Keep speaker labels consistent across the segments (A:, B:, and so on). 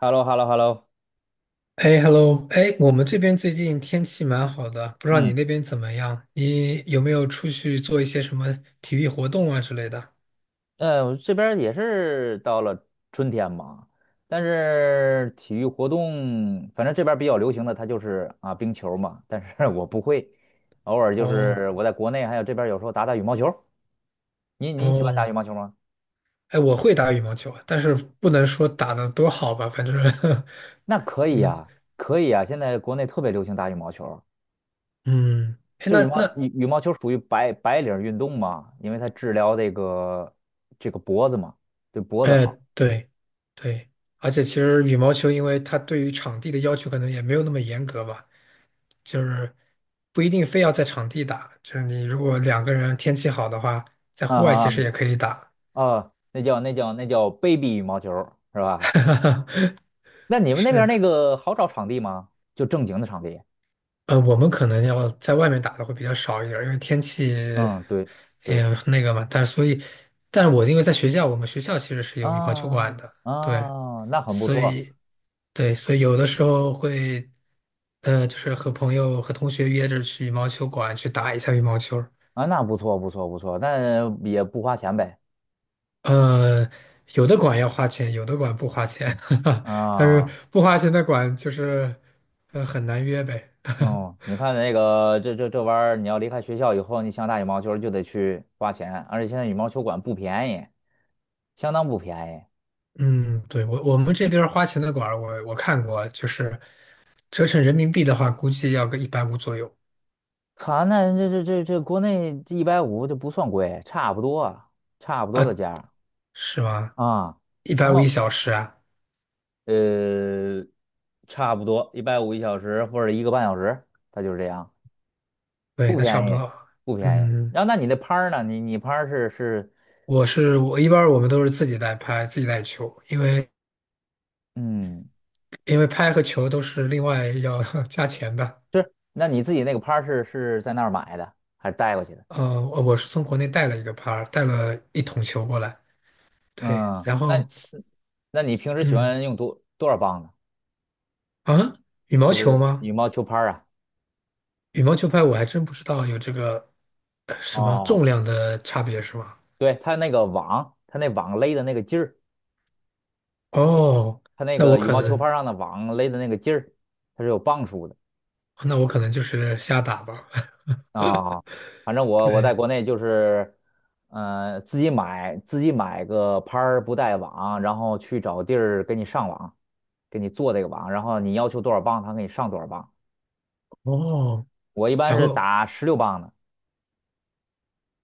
A: h e l l o h e l l o h e l l o
B: 哎，hello，哎，我们这边最近天气蛮好的，不知道你
A: 嗯，
B: 那边怎么样？你有没有出去做一些什么体育活动啊之类的？
A: 我这边儿也是到了春天嘛。但是体育活动，反正这边儿比较流行的，它就是啊冰球嘛，但是 我不会，偶尔就
B: 哦
A: 是我在国内还有这边儿有时候打打羽毛球。您喜欢打
B: 哦，
A: 羽毛球吗？
B: 哎，我会打羽毛球，但是不能说打的多好吧，反正。
A: 那可 以
B: 嗯
A: 呀，可以呀。现在国内特别流行打羽毛球，
B: 嗯，哎，
A: 就是羽毛羽羽毛球属于白领运动嘛，因为它治疗这个脖子嘛，对脖子
B: 哎，
A: 好。
B: 对对，而且其实羽毛球，因为它对于场地的要求可能也没有那么严格吧，就是不一定非要在场地打，就是你如果两个人天气好的话，在
A: 啊
B: 户外
A: 啊
B: 其实
A: 啊，
B: 也可以打。
A: 哦，那叫 baby 羽毛球儿是吧？那你们那边儿
B: 是，
A: 那个好找场地吗？就正经的场地？
B: 我们可能要在外面打的会比较少一点儿因为天气
A: 嗯，对
B: 也
A: 对，
B: 那个嘛。但是所以，但是我因为在学校，我们学校其实是有羽毛球
A: 啊
B: 馆的，对，
A: 啊，那很不
B: 所
A: 错
B: 以对，所以有的时候会，就是和朋友和同学约着去羽毛球馆去打一下羽毛球。
A: 啊，那不错不错不错，那也不花钱呗，
B: 呃，有的馆要花钱，有的馆不花钱，但是
A: 啊。
B: 不花钱的馆就是，很难约呗。
A: 嗯，你看那个这玩意儿，你要离开学校以后，你想打羽毛球儿就得去花钱，而且现在羽毛球馆不便宜，相当不便宜。
B: 嗯，对，我们这边儿花钱的馆儿，我看过，就是折成人民币的话，估计要个一百五左右。
A: 哈，那这国内一百五，这150，这不算贵，差不多的
B: 啊，
A: 价。
B: 是吗？
A: 啊，
B: 一
A: 然
B: 百五一
A: 后
B: 小时啊？
A: 呃，差不多一百五1小时或者1个半小时，它就是这样，
B: 对，
A: 不
B: 那差
A: 便
B: 不
A: 宜，
B: 多。
A: 不便宜。
B: 嗯，
A: 然后那你那拍儿呢？你拍儿
B: 我是我一般儿我们都是自己带拍，自己带球，因为
A: 嗯
B: 因为拍和球都是另外要 加钱的。
A: 是，那你自己那个拍儿是在那儿买的还是带过去的？
B: 我是从国内带了一个拍儿，带了一桶球过来。对，
A: 嗯，
B: 然
A: 那
B: 后
A: 那你平时喜
B: 嗯
A: 欢用多少磅呢？
B: 啊，羽毛
A: 就
B: 球
A: 是羽
B: 吗？
A: 毛球拍儿啊？
B: 羽毛球拍我还真不知道有这个什么
A: 哦，
B: 重量的差别是吗？
A: 对，它那个网，它那网勒的那个劲儿，
B: 哦，
A: 它那
B: 那我
A: 个羽
B: 可
A: 毛球拍
B: 能，
A: 儿上的网勒的那个劲儿，它是有磅数的。
B: 那我可能就是瞎打吧。
A: 啊，反正我在
B: 对，
A: 国内就是，自己买个拍儿不带网，然后去找地儿给你上网，给你做这个网，然后你要求多少磅，他给你上多少磅。
B: 哦，
A: 我一般
B: 还会，
A: 是打十六磅的。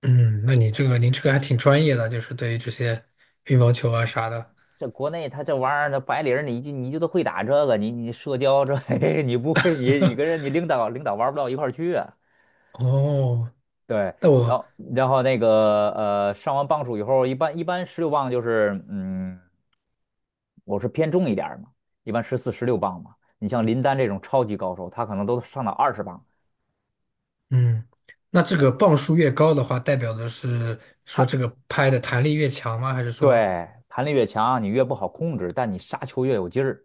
B: 嗯，那你这个您这个还挺专业的，就是对于这些羽毛球啊啥的。
A: 这国内他这玩意儿，那白领儿你就都会打这个，你社交这 你不会，你跟人你 领导玩不到一块儿去啊。
B: 哦，
A: 对，
B: 那
A: 然
B: 我，
A: 后然后那个上完磅数以后，一般十六磅就是。我是偏重一点儿嘛，一般14、十六磅嘛。你像林丹这种超级高手，他可能都上到20磅。
B: 嗯，那这
A: 哎，
B: 个磅数越高的话，代表的是说
A: 他
B: 这个拍的弹力越强吗？还是说，
A: 对弹力越强，你越不好控制，但你杀球越有劲儿。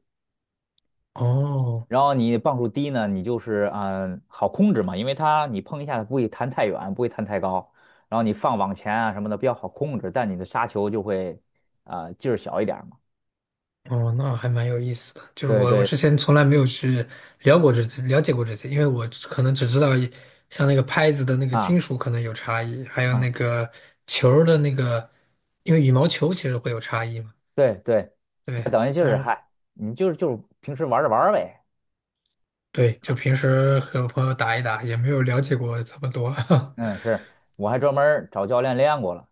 B: 哦，
A: 然后你磅数低呢，你就是好控制嘛，因为它你碰一下它不会弹太远，不会弹太高。然后你放网前啊什么的比较好控制，但你的杀球就会啊、劲儿小一点儿嘛。
B: 哦，那还蛮有意思的。就是
A: 对
B: 我
A: 对，
B: 之前从来没有去聊过这些，了解过这些，因为我只可能只知道一像那个拍子的那个
A: 啊
B: 金属可能有差异，还有那
A: 啊，
B: 个球儿的那个，因为羽毛球其实会有差异嘛。
A: 对对。那
B: 对，
A: 等于就
B: 但
A: 是
B: 是
A: 嗨，你就是平时玩着玩儿呗。
B: 对，就平时和朋友打一打，也没有了解过这么多。
A: 嗯，是，我还专门儿找教练练过了。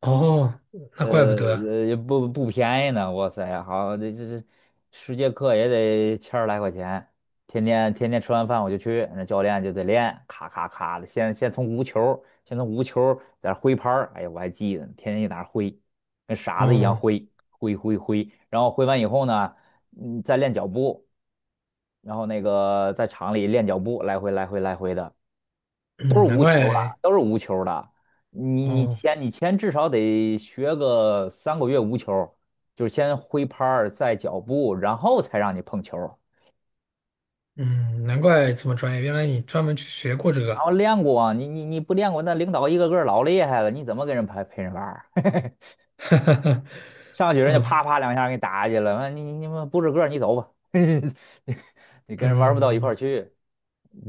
B: 哦，那
A: 呃
B: 怪不得。
A: 也不便宜呢，哇塞，好，这10节课也得千儿来块钱。天天吃完饭我就去，那教练就得练，咔咔咔的，先从无球儿在那儿挥拍儿。哎呀，我还记得呢，天天就在那儿挥，跟傻子一样
B: 哦，
A: 挥挥挥挥。然后挥完以后呢，嗯，再练脚步，然后那个在场里练脚步，来回来回来回的。
B: 嗯，难怪。
A: 都是无球的。你你
B: 哦，
A: 前你前至少得学个3个月无球，就是先挥拍儿，再脚步，然后才让你碰球。
B: 嗯，难怪这么专业。原来你专门去学过这
A: 然
B: 个。
A: 后练过啊，你不练过，那领导一个个老厉害了，你怎么跟人陪陪人玩儿
B: 哈哈哈。
A: 上去人家
B: 啊，
A: 啪啪两下给你打下去了，完你们不是个儿你走吧，你跟人玩不到一块儿
B: 嗯。
A: 去。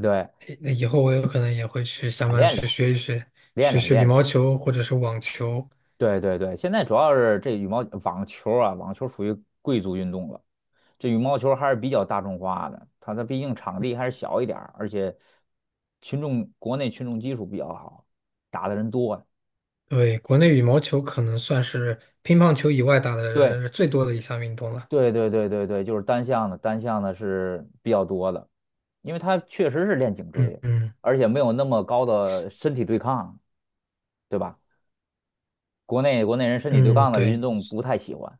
A: 对，
B: 那以后我有可能也会去想办法
A: 练练
B: 去学一学，
A: 练
B: 学
A: 练
B: 学羽
A: 练
B: 毛
A: 练。
B: 球或者是网球。
A: 对对对，现在主要是这羽毛网球啊，网球属于贵族运动了，这羽毛球还是比较大众化的，它毕竟场地还是小一点儿，而且国内群众基础比较好，打的人多呀。
B: 对，国内羽毛球可能算是乒乓球以外打的
A: 对
B: 最多的一项运动了。
A: 对对对对对，就是单项的，单项的是比较多的，因为它确实是练颈
B: 嗯
A: 椎，
B: 嗯
A: 而且没有那么高的身体对抗，对吧？国内人身体对
B: 嗯，
A: 抗的运
B: 对，
A: 动不太喜欢。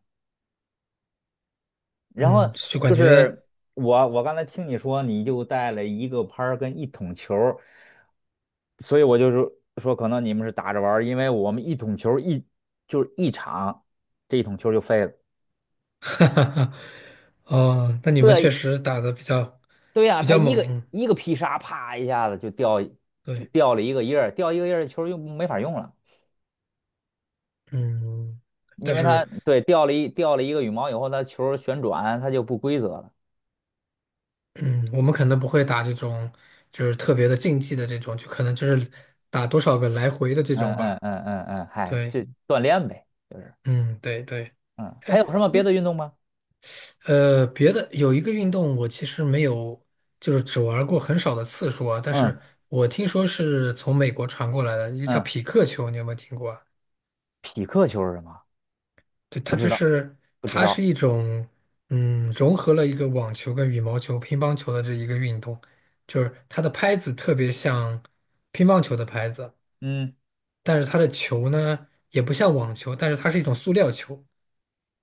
A: 然后
B: 嗯，就
A: 就
B: 感觉，
A: 是我刚才听你说你就带了一个拍儿跟一桶球儿，所以我就是说可能你们是打着玩儿。因为我们一桶球儿就是一场，这一桶球儿就废了。
B: 哈哈哈，哦，那你们确
A: 对，
B: 实打的比较
A: 对呀、
B: 比
A: 他
B: 较
A: 一个
B: 猛，
A: 一个劈杀，啪一下子就掉就
B: 对，
A: 掉了一个叶儿，掉一个叶儿球儿又没法用了，
B: 嗯，
A: 因
B: 但
A: 为它
B: 是，
A: 对掉了一个羽毛以后，它球儿旋转它就不规则了。
B: 嗯，我们可能不会打这种就是特别的竞技的这种，就可能就是打多少个来回的这
A: 嗯
B: 种
A: 嗯
B: 吧。
A: 嗯嗯嗯，嗨，
B: 对，
A: 就锻炼呗，就是
B: 嗯，对对。
A: 嗯，还
B: 哎，
A: 有什么别的运动吗？
B: 别的有一个运动，我其实没有，就是只玩过很少的次数啊。但是
A: 嗯。
B: 我听说是从美国传过来的，一个叫
A: 嗯，
B: 匹克球，你有没有听过啊？
A: 匹克球是什么？
B: 对，
A: 不知道，不知
B: 它是
A: 道。
B: 一种，嗯，融合了一个网球跟羽毛球、乒乓球的这一个运动，就是它的拍子特别像乒乓球的拍子，
A: 嗯
B: 但是它的球呢也不像网球，但是它是一种塑料球。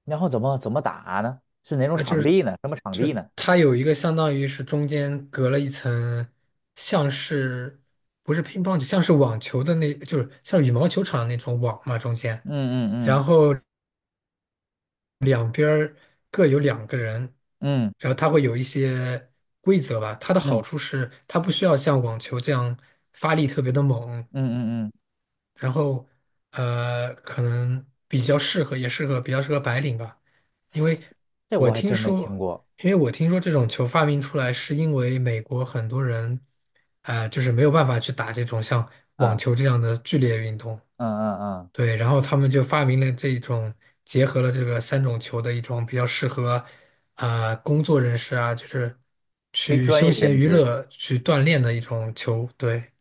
A: 然后怎么打呢？是哪种
B: 呃，就
A: 场
B: 是
A: 地呢？什么场
B: 就
A: 地
B: 是
A: 呢？
B: 它有一个相当于是中间隔了一层，像是不是乒乓球，像是网球的那，就是像羽毛球场那种网嘛，中间，
A: 嗯
B: 然
A: 嗯
B: 后两边儿各有两个人，
A: 嗯嗯
B: 然后它会有一些规则吧。它的
A: 嗯
B: 好处是它不需要像网球这样发力特别的猛，
A: 嗯嗯嗯，
B: 然后可能比较适合白领吧，因为
A: 这
B: 我
A: 我还
B: 听
A: 真没听
B: 说，
A: 过
B: 这种球发明出来是因为美国很多人，就是没有办法去打这种像网
A: 啊。
B: 球这样的剧烈运动，
A: 嗯嗯嗯，
B: 对，然后他们就发明了这种结合了这个三种球的一种比较适合，工作人士啊，就是
A: 非
B: 去
A: 专
B: 休
A: 业
B: 闲
A: 认
B: 娱
A: 知，
B: 乐去锻炼的一种球，对，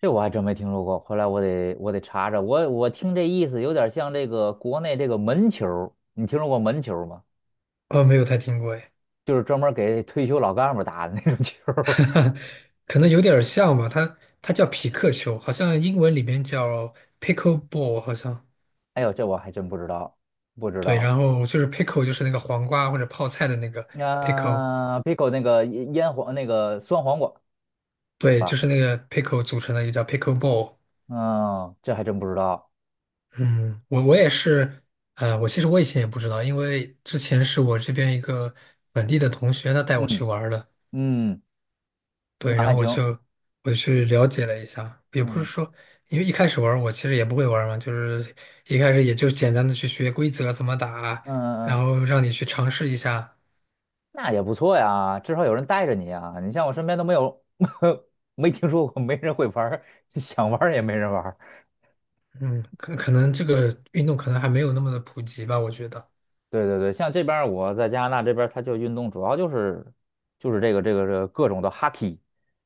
A: 这我还真没听说过。后来我得查查，我听这意思有点像这个国内这个门球儿，你听说过门球儿吗？
B: 哦，没有太听过，哎。
A: 就是专门给退休老干部打的那种球儿。
B: 可能有点儿像吧，它叫匹克球，好像英文里面叫 pickleball,好像
A: 哎呦，这我还真不知道，不知
B: 对，然
A: 道。
B: 后就是 pickle 就是那个黄瓜或者泡菜的那个 pickle,
A: 啊，Pico 那个酸黄瓜。
B: 对，
A: 啊，
B: 就是那个 pickle 组成的一个叫 pickleball。
A: 嗯，这还真不知道。
B: 嗯，我也是，我其实以前也不知道，因为之前是我这边一个本地的同学他带我去
A: 嗯
B: 玩儿的，
A: 嗯，
B: 对，
A: 那
B: 然
A: 还
B: 后我
A: 行。
B: 就我去了解了一下，也不是
A: 嗯
B: 说，因为一开始玩儿我其实也不会玩儿嘛，就是一开始也就简单的去学规则怎么打，
A: 嗯
B: 然
A: 嗯，
B: 后让你去尝试一下。
A: 那也不错呀，至少有人带着你啊。你像我身边都没有，没听说过，没人会玩儿，想玩儿也没人玩。
B: 嗯，可能这个运动可能还没有那么的普及吧，我觉得。
A: 对对对，像这边儿我在加拿大这边儿，它就运动主要就是这个各种的 hockey，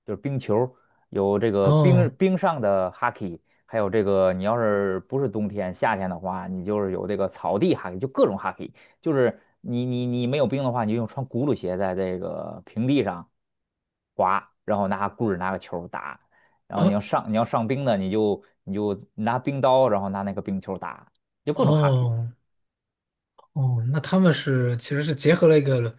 A: 就是冰球儿，有这个冰
B: 哦
A: 冰上的 hockey，还有这个你要是不是冬天夏天的话，你就是有这个草地 hockey，就各种 hockey，就是你没有冰的话，你就用穿轱辘鞋在这个平地上滑，然后拿棍儿拿个球儿打。然后你要
B: 哦
A: 上你要上冰的，你就拿冰刀，然后拿那个冰球儿打，就各种 hockey，
B: 哦哦，那他们是其实是结合了一个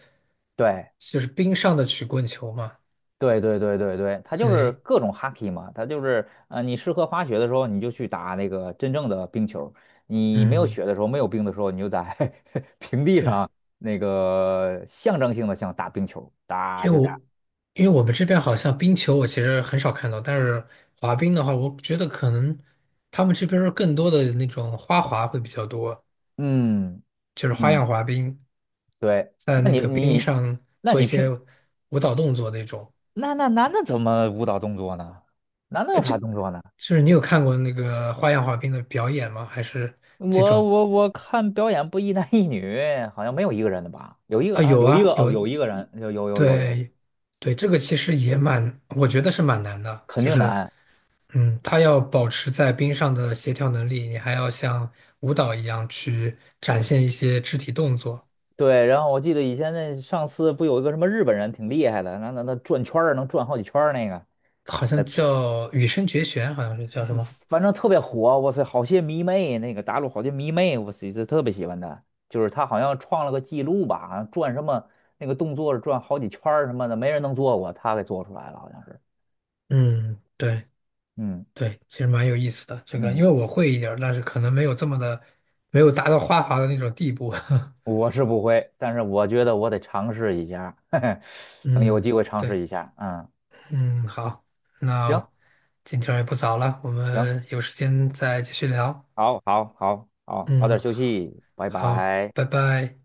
A: 对。
B: 就是冰上的曲棍球嘛。
A: 对对对对对，它就是
B: 对，
A: 各种 hockey 嘛，它就是你适合滑雪的时候，你就去打那个真正的冰球；你没有
B: 嗯。
A: 雪的时候，没有冰的时候，你就在 平地
B: 对。
A: 上那个象征性的像打冰球，
B: 因
A: 打
B: 为
A: 就打。
B: 我们这边好像冰球我其实很少看到，但是滑冰的话，我觉得可能他们这边儿更多的那种花滑会比较多，
A: 嗯
B: 就是花
A: 嗯，
B: 样滑冰，
A: 对。
B: 在
A: 那
B: 那
A: 你
B: 个冰
A: 你，
B: 上
A: 那
B: 做一
A: 你
B: 些
A: 平
B: 舞蹈动作那种。
A: 那那男的怎么舞蹈动作呢？男的有
B: 呃，就
A: 啥动作呢？
B: 就是你有看过那个花样滑冰的表演吗？还是这
A: 我
B: 种？
A: 我我看表演不一男一女，好像没有一个人的吧？有一个
B: 啊，
A: 啊，
B: 有
A: 有一个
B: 啊，
A: 哦，
B: 有，
A: 有一个人，有有有有有，
B: 对，对，这个其实也蛮，我觉得是蛮难的，
A: 肯
B: 就
A: 定
B: 是。
A: 难。
B: 嗯，他要保持在冰上的协调能力，你还要像舞蹈一样去展现一些肢体动作，
A: 对，然后我记得以前那上次不有一个什么日本人挺厉害的，那转圈儿能转好几圈儿那个。
B: 好像
A: 呃，
B: 叫羽生结弦，好像是叫什
A: 反
B: 么？
A: 反正特别火，哇塞，好些迷妹，那个大陆好些迷妹，我塞，这特别喜欢他，就是他好像创了个记录吧，好像转什么那个动作是转好几圈儿什么的，没人能做过，他给做出来了，好像是。
B: 嗯，对
A: 嗯
B: 对，其实蛮有意思的这个，因
A: 嗯，
B: 为我会一点儿，但是可能没有这么的，没有达到花滑的那种地步。
A: 我是不会，但是我觉得我得尝试一下，嘿嘿，等有
B: 嗯，
A: 机会尝试
B: 对，
A: 一下，嗯，
B: 嗯，好，
A: 行
B: 那今天儿也不早了，我
A: 行，
B: 们有时间再继续聊。
A: 好好好好，早点
B: 嗯，
A: 休息，拜
B: 好，
A: 拜。
B: 拜拜。